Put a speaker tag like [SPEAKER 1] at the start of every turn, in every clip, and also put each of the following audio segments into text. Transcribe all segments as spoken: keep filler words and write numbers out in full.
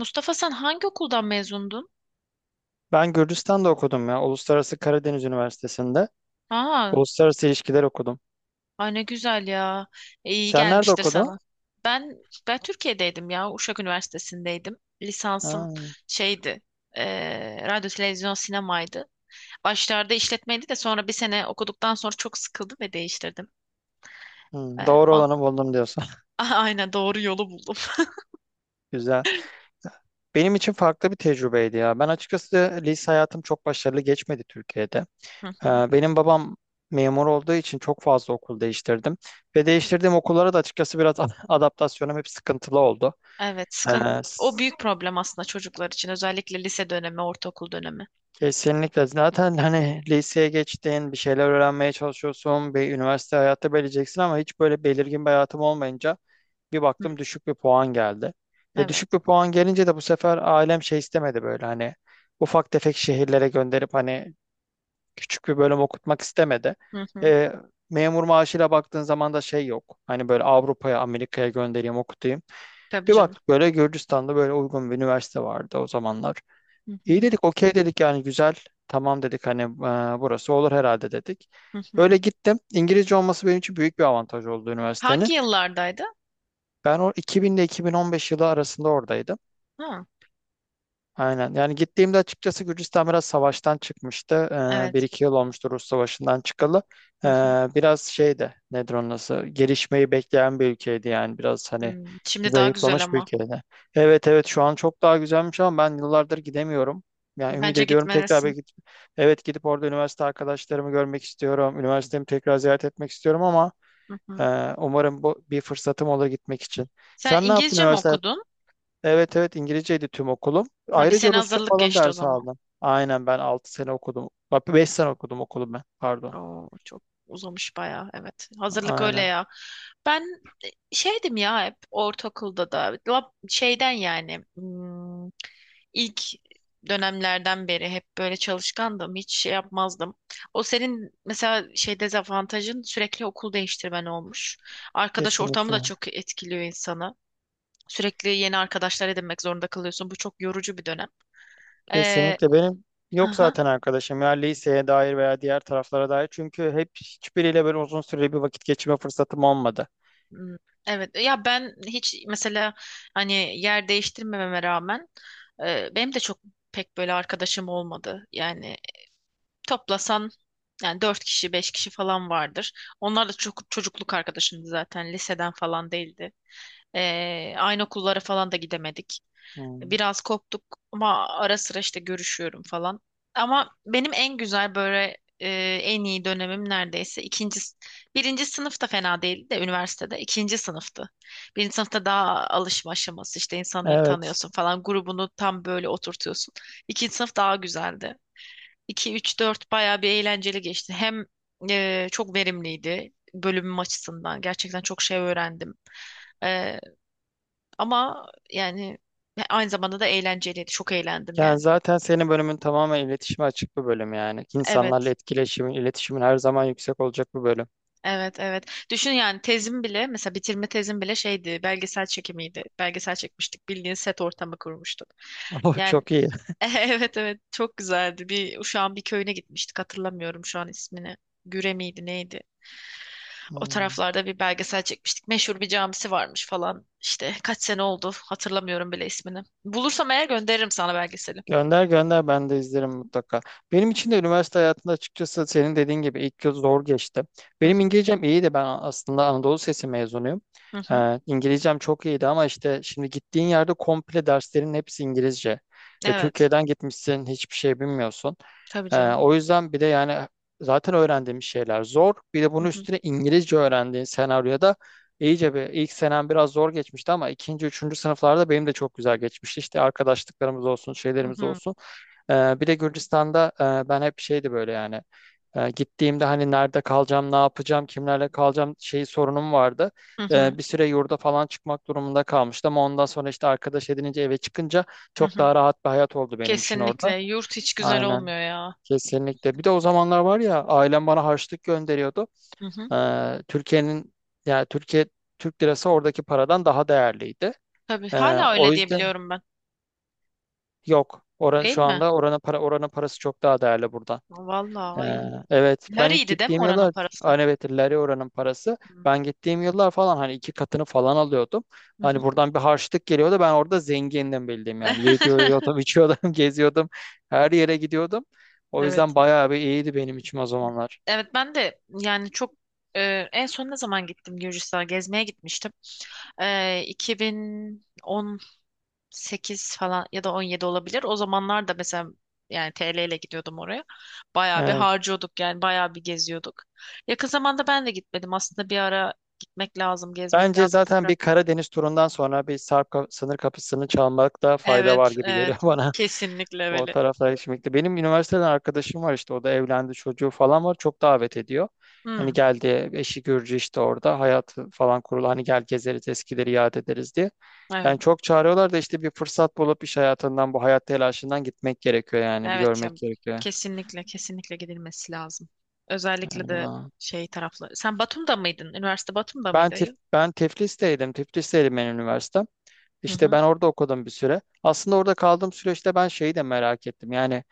[SPEAKER 1] Mustafa sen hangi okuldan mezundun?
[SPEAKER 2] Ben Gürcistan'da okudum ya. Uluslararası Karadeniz Üniversitesi'nde.
[SPEAKER 1] Aa,
[SPEAKER 2] Uluslararası ilişkiler okudum.
[SPEAKER 1] ay ne güzel ya. E, İyi
[SPEAKER 2] Sen nerede
[SPEAKER 1] gelmiştir
[SPEAKER 2] okudun?
[SPEAKER 1] sana. Ben ben Türkiye'deydim ya. Uşak Üniversitesi'ndeydim. Lisansım
[SPEAKER 2] Ha,
[SPEAKER 1] şeydi. e, radyo, televizyon, sinemaydı. Başlarda işletmeydi de sonra bir sene okuduktan sonra çok sıkıldım ve değiştirdim. E,
[SPEAKER 2] hı, doğru
[SPEAKER 1] on-
[SPEAKER 2] olanı buldum diyorsun.
[SPEAKER 1] aynen doğru yolu buldum.
[SPEAKER 2] Güzel. Benim için farklı bir tecrübeydi ya. Ben açıkçası lise hayatım çok başarılı geçmedi Türkiye'de.
[SPEAKER 1] Hı
[SPEAKER 2] Ee,
[SPEAKER 1] hı.
[SPEAKER 2] benim babam memur olduğu için çok fazla okul değiştirdim. Ve değiştirdiğim okullara da açıkçası biraz adaptasyonum hep sıkıntılı oldu.
[SPEAKER 1] Evet,
[SPEAKER 2] Ee,
[SPEAKER 1] sıkın. O büyük problem aslında çocuklar için. Özellikle lise dönemi, ortaokul dönemi.
[SPEAKER 2] Kesinlikle. Zaten hani liseye geçtin, bir şeyler öğrenmeye çalışıyorsun, bir üniversite hayatı belirleyeceksin ama hiç böyle belirgin bir hayatım olmayınca bir
[SPEAKER 1] Hı,
[SPEAKER 2] baktım düşük bir puan geldi. E düşük
[SPEAKER 1] evet.
[SPEAKER 2] bir puan gelince de bu sefer ailem şey istemedi böyle hani ufak tefek şehirlere gönderip hani küçük bir bölüm okutmak istemedi.
[SPEAKER 1] Hı hı.
[SPEAKER 2] E, memur maaşıyla baktığın zaman da şey yok. Hani böyle Avrupa'ya, Amerika'ya göndereyim, okutayım.
[SPEAKER 1] Tabii
[SPEAKER 2] Bir
[SPEAKER 1] canım.
[SPEAKER 2] baktık böyle Gürcistan'da böyle uygun bir üniversite vardı o zamanlar.
[SPEAKER 1] Hı
[SPEAKER 2] İyi
[SPEAKER 1] hı.
[SPEAKER 2] dedik, okey dedik yani güzel. Tamam dedik hani e, burası olur herhalde dedik.
[SPEAKER 1] Hı hı.
[SPEAKER 2] Böyle gittim. İngilizce olması benim için büyük bir avantaj oldu üniversitenin.
[SPEAKER 1] Hangi yıllardaydı?
[SPEAKER 2] Ben o iki bin ile iki bin on beş yılı arasında oradaydım.
[SPEAKER 1] Ha,
[SPEAKER 2] Aynen. Yani gittiğimde açıkçası Gürcistan biraz savaştan çıkmıştı. Ee, bir
[SPEAKER 1] evet.
[SPEAKER 2] iki yıl olmuştu Rus savaşından çıkalı.
[SPEAKER 1] Hı
[SPEAKER 2] Ee,
[SPEAKER 1] hı.
[SPEAKER 2] biraz şey de nedir onun adı? Gelişmeyi bekleyen bir ülkeydi yani. Biraz hani
[SPEAKER 1] Hmm, Şimdi daha güzel
[SPEAKER 2] zayıflamış bir
[SPEAKER 1] ama.
[SPEAKER 2] ülkeydi. Evet evet şu an çok daha güzelmiş ama ben yıllardır gidemiyorum. Yani ümit
[SPEAKER 1] Bence
[SPEAKER 2] ediyorum tekrar
[SPEAKER 1] gitmelisin.
[SPEAKER 2] belki evet gidip orada üniversite arkadaşlarımı görmek istiyorum. Üniversitemi tekrar ziyaret etmek istiyorum ama
[SPEAKER 1] Hı hı.
[SPEAKER 2] e, umarım bu bir fırsatım olur gitmek için.
[SPEAKER 1] Sen
[SPEAKER 2] Sen ne yaptın
[SPEAKER 1] İngilizce mi
[SPEAKER 2] üniversite.
[SPEAKER 1] okudun?
[SPEAKER 2] Evet evet İngilizceydi tüm okulum.
[SPEAKER 1] Ha, bir
[SPEAKER 2] Ayrıca
[SPEAKER 1] sene
[SPEAKER 2] Rusça
[SPEAKER 1] hazırlık
[SPEAKER 2] falan
[SPEAKER 1] geçti o
[SPEAKER 2] ders
[SPEAKER 1] zaman.
[SPEAKER 2] aldım. Aynen ben altı sene okudum. Bak beş sene okudum okulum ben. Pardon.
[SPEAKER 1] Oo, çok uzamış bayağı. Evet. Hazırlık öyle
[SPEAKER 2] Aynen.
[SPEAKER 1] ya. Ben şeydim ya hep ortaokulda da lab- şeyden yani hmm, ilk dönemlerden beri hep böyle çalışkandım hiç şey yapmazdım. O senin mesela şey dezavantajın sürekli okul değiştirmen olmuş. Arkadaş ortamı da
[SPEAKER 2] Kesinlikle.
[SPEAKER 1] çok etkiliyor insanı. Sürekli yeni arkadaşlar edinmek zorunda kalıyorsun. Bu çok yorucu bir dönem. Ee,
[SPEAKER 2] Kesinlikle benim yok
[SPEAKER 1] aha.
[SPEAKER 2] Zaten arkadaşım ya liseye dair veya diğer taraflara dair. Çünkü hep hiçbiriyle böyle uzun süreli bir vakit geçirme fırsatım olmadı.
[SPEAKER 1] hmm, Evet ya ben hiç mesela hani yer değiştirmememe rağmen e, benim de çok pek böyle arkadaşım olmadı. Yani toplasan yani dört kişi, beş kişi falan vardır. Onlar da çok çocukluk arkadaşımdı zaten. Liseden falan değildi. Ee, aynı okullara falan da gidemedik.
[SPEAKER 2] Hmm.
[SPEAKER 1] Biraz koptuk ama ara sıra işte görüşüyorum falan. Ama benim en güzel böyle e, en iyi dönemim neredeyse ikinci, s- birinci sınıfta fena değildi de üniversitede ikinci sınıftı. Birinci sınıfta daha alışma aşaması işte insanları
[SPEAKER 2] Evet.
[SPEAKER 1] tanıyorsun falan grubunu tam böyle oturtuyorsun. İkinci sınıf daha güzeldi. iki üç, dört bayağı bir eğlenceli geçti. Hem e, çok verimliydi bölümüm açısından. Gerçekten çok şey öğrendim. E, ama yani e, aynı zamanda da eğlenceliydi. Çok eğlendim
[SPEAKER 2] Yani
[SPEAKER 1] yani.
[SPEAKER 2] zaten senin bölümün tamamen iletişime açık bir bölüm yani. İnsanlarla
[SPEAKER 1] Evet,
[SPEAKER 2] etkileşimin, iletişimin her zaman yüksek olacak bir bölüm.
[SPEAKER 1] evet, evet. Düşün yani tezim bile mesela bitirme tezim bile şeydi belgesel çekimiydi. Belgesel çekmiştik. Bildiğin set ortamı kurmuştuk.
[SPEAKER 2] O
[SPEAKER 1] Yani
[SPEAKER 2] çok iyi.
[SPEAKER 1] evet evet çok güzeldi. Bir Uşak'ın bir köyüne gitmiştik hatırlamıyorum şu an ismini. Güre miydi neydi? O
[SPEAKER 2] Hmm.
[SPEAKER 1] taraflarda bir belgesel çekmiştik. Meşhur bir camisi varmış falan. İşte kaç sene oldu hatırlamıyorum bile ismini. Bulursam eğer gönderirim sana belgeseli.
[SPEAKER 2] Gönder gönder ben de izlerim mutlaka. Benim için de üniversite hayatında açıkçası senin dediğin gibi ilk yıl zor geçti.
[SPEAKER 1] Hı
[SPEAKER 2] Benim
[SPEAKER 1] hı,
[SPEAKER 2] İngilizcem iyi de ben aslında Anadolu Sesi mezunuyum.
[SPEAKER 1] hı hı.
[SPEAKER 2] Ee, İngilizcem çok iyiydi ama işte şimdi gittiğin yerde komple derslerin hepsi İngilizce. E,
[SPEAKER 1] Evet.
[SPEAKER 2] Türkiye'den gitmişsin hiçbir şey bilmiyorsun.
[SPEAKER 1] Tabii
[SPEAKER 2] Ee,
[SPEAKER 1] canım.
[SPEAKER 2] o yüzden bir de yani zaten öğrendiğimiz şeyler zor. Bir de
[SPEAKER 1] Hı
[SPEAKER 2] bunun
[SPEAKER 1] hı,
[SPEAKER 2] üstüne İngilizce öğrendiğin senaryoda İyice bir ilk senem biraz zor geçmişti ama ikinci, üçüncü sınıflarda benim de çok güzel geçmişti. İşte arkadaşlıklarımız olsun,
[SPEAKER 1] hı
[SPEAKER 2] şeylerimiz
[SPEAKER 1] hı,
[SPEAKER 2] olsun. Ee, bir de Gürcistan'da e, ben hep şeydi böyle yani e, gittiğimde hani nerede kalacağım, ne yapacağım, kimlerle kalacağım şey sorunum vardı.
[SPEAKER 1] hı hı,
[SPEAKER 2] E, bir süre yurda falan çıkmak durumunda kalmıştım. Ama ondan sonra işte arkadaş edinince eve çıkınca
[SPEAKER 1] hı
[SPEAKER 2] çok
[SPEAKER 1] hı.
[SPEAKER 2] daha rahat bir hayat oldu benim için orada.
[SPEAKER 1] Kesinlikle. Yurt hiç güzel
[SPEAKER 2] Aynen.
[SPEAKER 1] olmuyor ya.
[SPEAKER 2] Kesinlikle. Bir de o zamanlar var ya ailem bana harçlık gönderiyordu.
[SPEAKER 1] Hı hı.
[SPEAKER 2] Ee, Türkiye'nin yani Türkiye Türk lirası oradaki paradan daha değerliydi.
[SPEAKER 1] Tabii.
[SPEAKER 2] Ee,
[SPEAKER 1] Hala
[SPEAKER 2] o
[SPEAKER 1] öyle diye
[SPEAKER 2] yüzden
[SPEAKER 1] biliyorum ben.
[SPEAKER 2] yok. Ora,
[SPEAKER 1] Değil
[SPEAKER 2] şu
[SPEAKER 1] mi?
[SPEAKER 2] anda oranın para oranın parası çok daha değerli buradan.
[SPEAKER 1] Vallahi.
[SPEAKER 2] Ee,
[SPEAKER 1] Ay.
[SPEAKER 2] evet ben ilk
[SPEAKER 1] Lariydi değil mi
[SPEAKER 2] gittiğim
[SPEAKER 1] oranın
[SPEAKER 2] yıllar
[SPEAKER 1] parası?
[SPEAKER 2] hani evet lari oranın parası
[SPEAKER 1] Hı
[SPEAKER 2] ben gittiğim yıllar falan hani iki katını falan alıyordum. Hani
[SPEAKER 1] hı.
[SPEAKER 2] buradan bir harçlık geliyordu ben orada zengindim bildiğim yani yiyordum içiyordum geziyordum her yere gidiyordum. O yüzden
[SPEAKER 1] Evet.
[SPEAKER 2] bayağı bir iyiydi benim için o zamanlar.
[SPEAKER 1] Evet ben de yani çok e, en son ne zaman gittim Gürcistan'a gezmeye gitmiştim. E, iki bin on sekiz falan ya da on yedi olabilir. O zamanlar da mesela yani T L ile gidiyordum oraya. Bayağı bir harcıyorduk yani bayağı bir geziyorduk. Yakın zamanda ben de gitmedim. Aslında bir ara gitmek lazım, gezmek
[SPEAKER 2] Bence
[SPEAKER 1] lazım
[SPEAKER 2] zaten
[SPEAKER 1] tekrar.
[SPEAKER 2] bir Karadeniz turundan sonra bir Sarp ka- sınır kapısını çalmakta fayda var
[SPEAKER 1] Evet,
[SPEAKER 2] gibi geliyor
[SPEAKER 1] evet.
[SPEAKER 2] bana.
[SPEAKER 1] Kesinlikle
[SPEAKER 2] O
[SPEAKER 1] öyle.
[SPEAKER 2] taraflar şimdi. Benim üniversiteden arkadaşım var işte o da evlendi çocuğu falan var. Çok davet ediyor.
[SPEAKER 1] Hmm,
[SPEAKER 2] Hani geldi eşi Gürcü işte orada hayat falan kurulu hani gel gezeriz eskileri yad ederiz diye. Yani
[SPEAKER 1] evet.
[SPEAKER 2] çok çağırıyorlar da işte bir fırsat bulup iş hayatından bu hayat telaşından gitmek gerekiyor yani bir
[SPEAKER 1] Evet ya
[SPEAKER 2] görmek gerekiyor.
[SPEAKER 1] kesinlikle kesinlikle gidilmesi lazım. Özellikle de
[SPEAKER 2] Öyle.
[SPEAKER 1] şey tarafları. Sen Batum'da mıydın? Üniversite Batum'da
[SPEAKER 2] Ben
[SPEAKER 1] mıydı?
[SPEAKER 2] Tif
[SPEAKER 1] Ayı?
[SPEAKER 2] ben Tiflis'teydim. Tiflis'teydim benim üniversitem.
[SPEAKER 1] Hı
[SPEAKER 2] İşte
[SPEAKER 1] hı.
[SPEAKER 2] ben orada okudum bir süre. Aslında orada kaldığım süreçte ben şeyi de merak ettim. Yani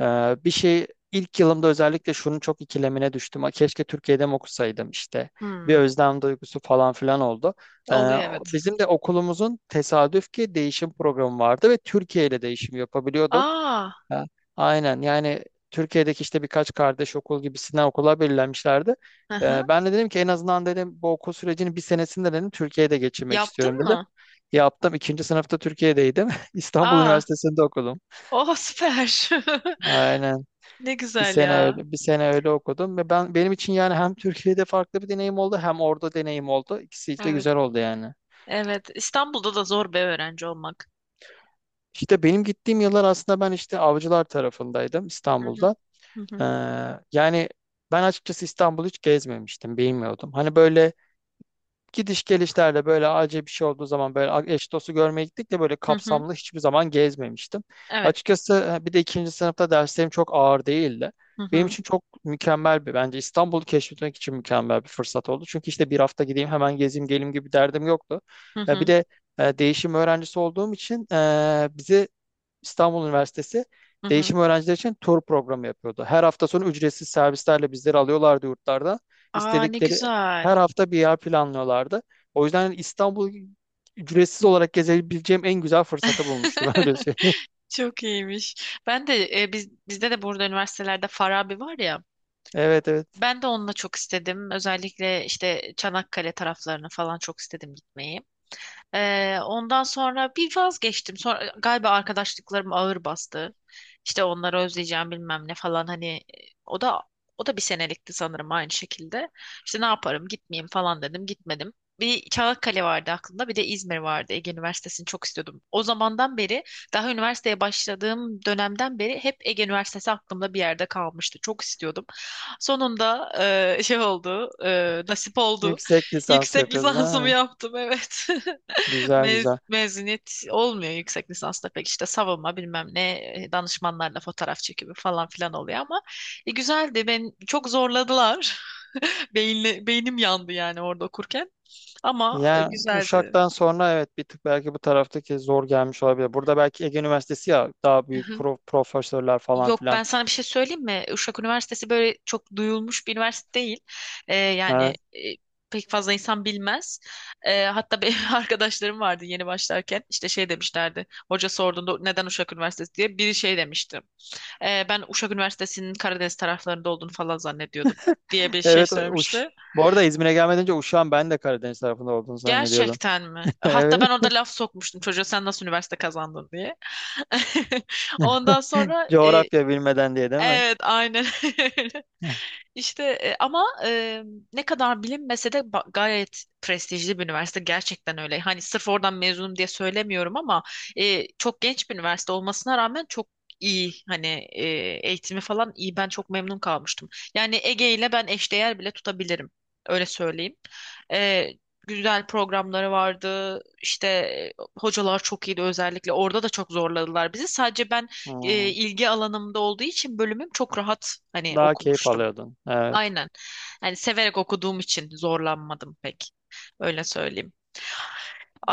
[SPEAKER 2] e, bir şey ilk yılımda özellikle şunun çok ikilemine düştüm. "Aa, keşke Türkiye'de mi okusaydım işte." Bir
[SPEAKER 1] Hmm,
[SPEAKER 2] özlem duygusu falan filan oldu. E,
[SPEAKER 1] Oluyor evet.
[SPEAKER 2] bizim de okulumuzun tesadüf ki değişim programı vardı ve Türkiye ile değişim yapabiliyordun.
[SPEAKER 1] Aa,
[SPEAKER 2] E, aynen yani Türkiye'deki işte birkaç kardeş okul gibisinden okula belirlenmişlerdi.
[SPEAKER 1] hı hı.
[SPEAKER 2] E, Ben de dedim ki en azından dedim bu okul sürecinin bir senesinde dedim Türkiye'de geçirmek
[SPEAKER 1] Yaptın
[SPEAKER 2] istiyorum dedim.
[SPEAKER 1] mı?
[SPEAKER 2] Yaptım. İkinci sınıfta Türkiye'deydim. İstanbul
[SPEAKER 1] Aa,
[SPEAKER 2] Üniversitesi'nde okudum.
[SPEAKER 1] oh süper.
[SPEAKER 2] Aynen.
[SPEAKER 1] Ne
[SPEAKER 2] Bir
[SPEAKER 1] güzel
[SPEAKER 2] sene
[SPEAKER 1] ya.
[SPEAKER 2] öyle, bir sene öyle okudum ve ben benim için yani hem Türkiye'de farklı bir deneyim oldu hem orada deneyim oldu. İkisi de
[SPEAKER 1] Evet.
[SPEAKER 2] güzel oldu yani.
[SPEAKER 1] Evet. İstanbul'da da zor bir öğrenci olmak.
[SPEAKER 2] İşte benim gittiğim yıllar aslında ben işte avcılar tarafındaydım
[SPEAKER 1] Hı hı.
[SPEAKER 2] İstanbul'da.
[SPEAKER 1] Hı hı.
[SPEAKER 2] Ee, yani ben açıkçası İstanbul'u hiç gezmemiştim, bilmiyordum. Hani böyle gidiş gelişlerle böyle acil bir şey olduğu zaman böyle eş dostu görmeye gittik de böyle
[SPEAKER 1] Hı hı.
[SPEAKER 2] kapsamlı hiçbir zaman gezmemiştim.
[SPEAKER 1] Evet.
[SPEAKER 2] Açıkçası e, bir de ikinci sınıfta derslerim çok ağır değildi.
[SPEAKER 1] Hı
[SPEAKER 2] Benim
[SPEAKER 1] hı.
[SPEAKER 2] için çok mükemmel bir Bence İstanbul'u keşfetmek için mükemmel bir fırsat oldu. Çünkü işte bir hafta gideyim hemen gezeyim geleyim gibi derdim yoktu.
[SPEAKER 1] Hı
[SPEAKER 2] E, Bir
[SPEAKER 1] hı.
[SPEAKER 2] de e, değişim öğrencisi olduğum için e, bizi İstanbul Üniversitesi
[SPEAKER 1] Hı hı.
[SPEAKER 2] değişim öğrenciler için tur programı yapıyordu. Her hafta sonu ücretsiz servislerle bizleri alıyorlardı yurtlarda.
[SPEAKER 1] Aa ne
[SPEAKER 2] İstedikleri
[SPEAKER 1] güzel.
[SPEAKER 2] Her hafta bir yer planlıyorlardı. O yüzden İstanbul ücretsiz olarak gezebileceğim en güzel fırsatı bulmuştum öyle söyleyeyim.
[SPEAKER 1] Çok iyiymiş. Ben de e, biz bizde de burada üniversitelerde Farabi var ya.
[SPEAKER 2] Evet evet.
[SPEAKER 1] Ben de onunla çok istedim. Özellikle işte Çanakkale taraflarını falan çok istedim gitmeyi. Ee, ondan sonra bir vazgeçtim. Sonra galiba arkadaşlıklarım ağır bastı. İşte onları özleyeceğim bilmem ne falan hani e, o da o da bir senelikti sanırım aynı şekilde. İşte ne yaparım gitmeyeyim falan dedim gitmedim. Bir Çanakkale vardı aklımda bir de İzmir vardı. Ege Üniversitesi'ni çok istiyordum. O zamandan beri daha üniversiteye başladığım dönemden beri hep Ege Üniversitesi aklımda bir yerde kalmıştı. Çok istiyordum. Sonunda e, şey oldu e, nasip oldu.
[SPEAKER 2] Yüksek lisans
[SPEAKER 1] Yüksek
[SPEAKER 2] yapıyorsun
[SPEAKER 1] lisansımı
[SPEAKER 2] ha.
[SPEAKER 1] yaptım evet.
[SPEAKER 2] Güzel
[SPEAKER 1] Mez-
[SPEAKER 2] güzel.
[SPEAKER 1] mezuniyet olmuyor yüksek lisansta pek işte savunma bilmem ne e, danışmanlarla fotoğraf çekimi falan filan oluyor ama e, güzeldi ben çok zorladılar Beyinle, beynim yandı yani orada okurken ama e,
[SPEAKER 2] Yani
[SPEAKER 1] güzeldi.
[SPEAKER 2] Uşak'tan sonra evet bir tık belki bu taraftaki zor gelmiş olabilir. Burada belki Ege Üniversitesi ya daha
[SPEAKER 1] Hı
[SPEAKER 2] büyük
[SPEAKER 1] hı.
[SPEAKER 2] pro- profesörler falan
[SPEAKER 1] Yok ben
[SPEAKER 2] filan.
[SPEAKER 1] sana bir şey söyleyeyim mi? Uşak Üniversitesi böyle çok duyulmuş bir üniversite değil. E, yani
[SPEAKER 2] Ee,
[SPEAKER 1] e, pek fazla insan bilmez. E, hatta benim arkadaşlarım vardı yeni başlarken işte şey demişlerdi. Hoca sorduğunda neden Uşak Üniversitesi diye biri şey demişti. Ee, ben Uşak Üniversitesi'nin Karadeniz taraflarında olduğunu falan zannediyordum diye bir şey
[SPEAKER 2] Evet, Uş.
[SPEAKER 1] söylemişti.
[SPEAKER 2] Bu arada İzmir'e gelmeden önce Uşak'ın ben de Karadeniz tarafında olduğunu zannediyordum.
[SPEAKER 1] Gerçekten mi? Hatta ben
[SPEAKER 2] Evet.
[SPEAKER 1] orada laf sokmuştum çocuğa sen nasıl üniversite kazandın diye. Ondan sonra. e,
[SPEAKER 2] Coğrafya bilmeden diye değil mi?
[SPEAKER 1] Evet, aynen öyle. İşte e, ama e, ne kadar bilinmese de ba- gayet prestijli bir üniversite gerçekten öyle. Hani sırf oradan mezunum diye söylemiyorum ama e, çok genç bir üniversite olmasına rağmen çok iyi hani e, eğitimi falan iyi. Ben çok memnun kalmıştım. Yani Ege ile ben eşdeğer bile tutabilirim. Öyle söyleyeyim. E, güzel programları vardı. İşte e, hocalar çok iyiydi özellikle. Orada da çok zorladılar bizi. Sadece ben e,
[SPEAKER 2] Hmm.
[SPEAKER 1] ilgi alanımda olduğu için bölümüm çok rahat hani
[SPEAKER 2] Daha keyif
[SPEAKER 1] okumuştum.
[SPEAKER 2] alıyordun. Evet.
[SPEAKER 1] Aynen. Hani severek okuduğum için zorlanmadım pek. Öyle söyleyeyim.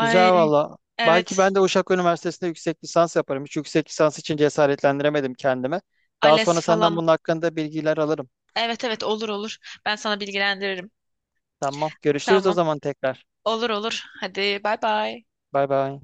[SPEAKER 2] Güzel valla. Belki
[SPEAKER 1] evet.
[SPEAKER 2] ben de Uşak Üniversitesi'nde yüksek lisans yaparım. Hiç yüksek lisans için cesaretlendiremedim kendime. Daha
[SPEAKER 1] ALES
[SPEAKER 2] sonra senden
[SPEAKER 1] falan.
[SPEAKER 2] bunun hakkında bilgiler alırım.
[SPEAKER 1] Evet evet olur olur. Ben sana bilgilendiririm.
[SPEAKER 2] Tamam. Görüşürüz o
[SPEAKER 1] Tamam.
[SPEAKER 2] zaman tekrar.
[SPEAKER 1] Olur olur. Hadi bay bay.
[SPEAKER 2] Bay bay.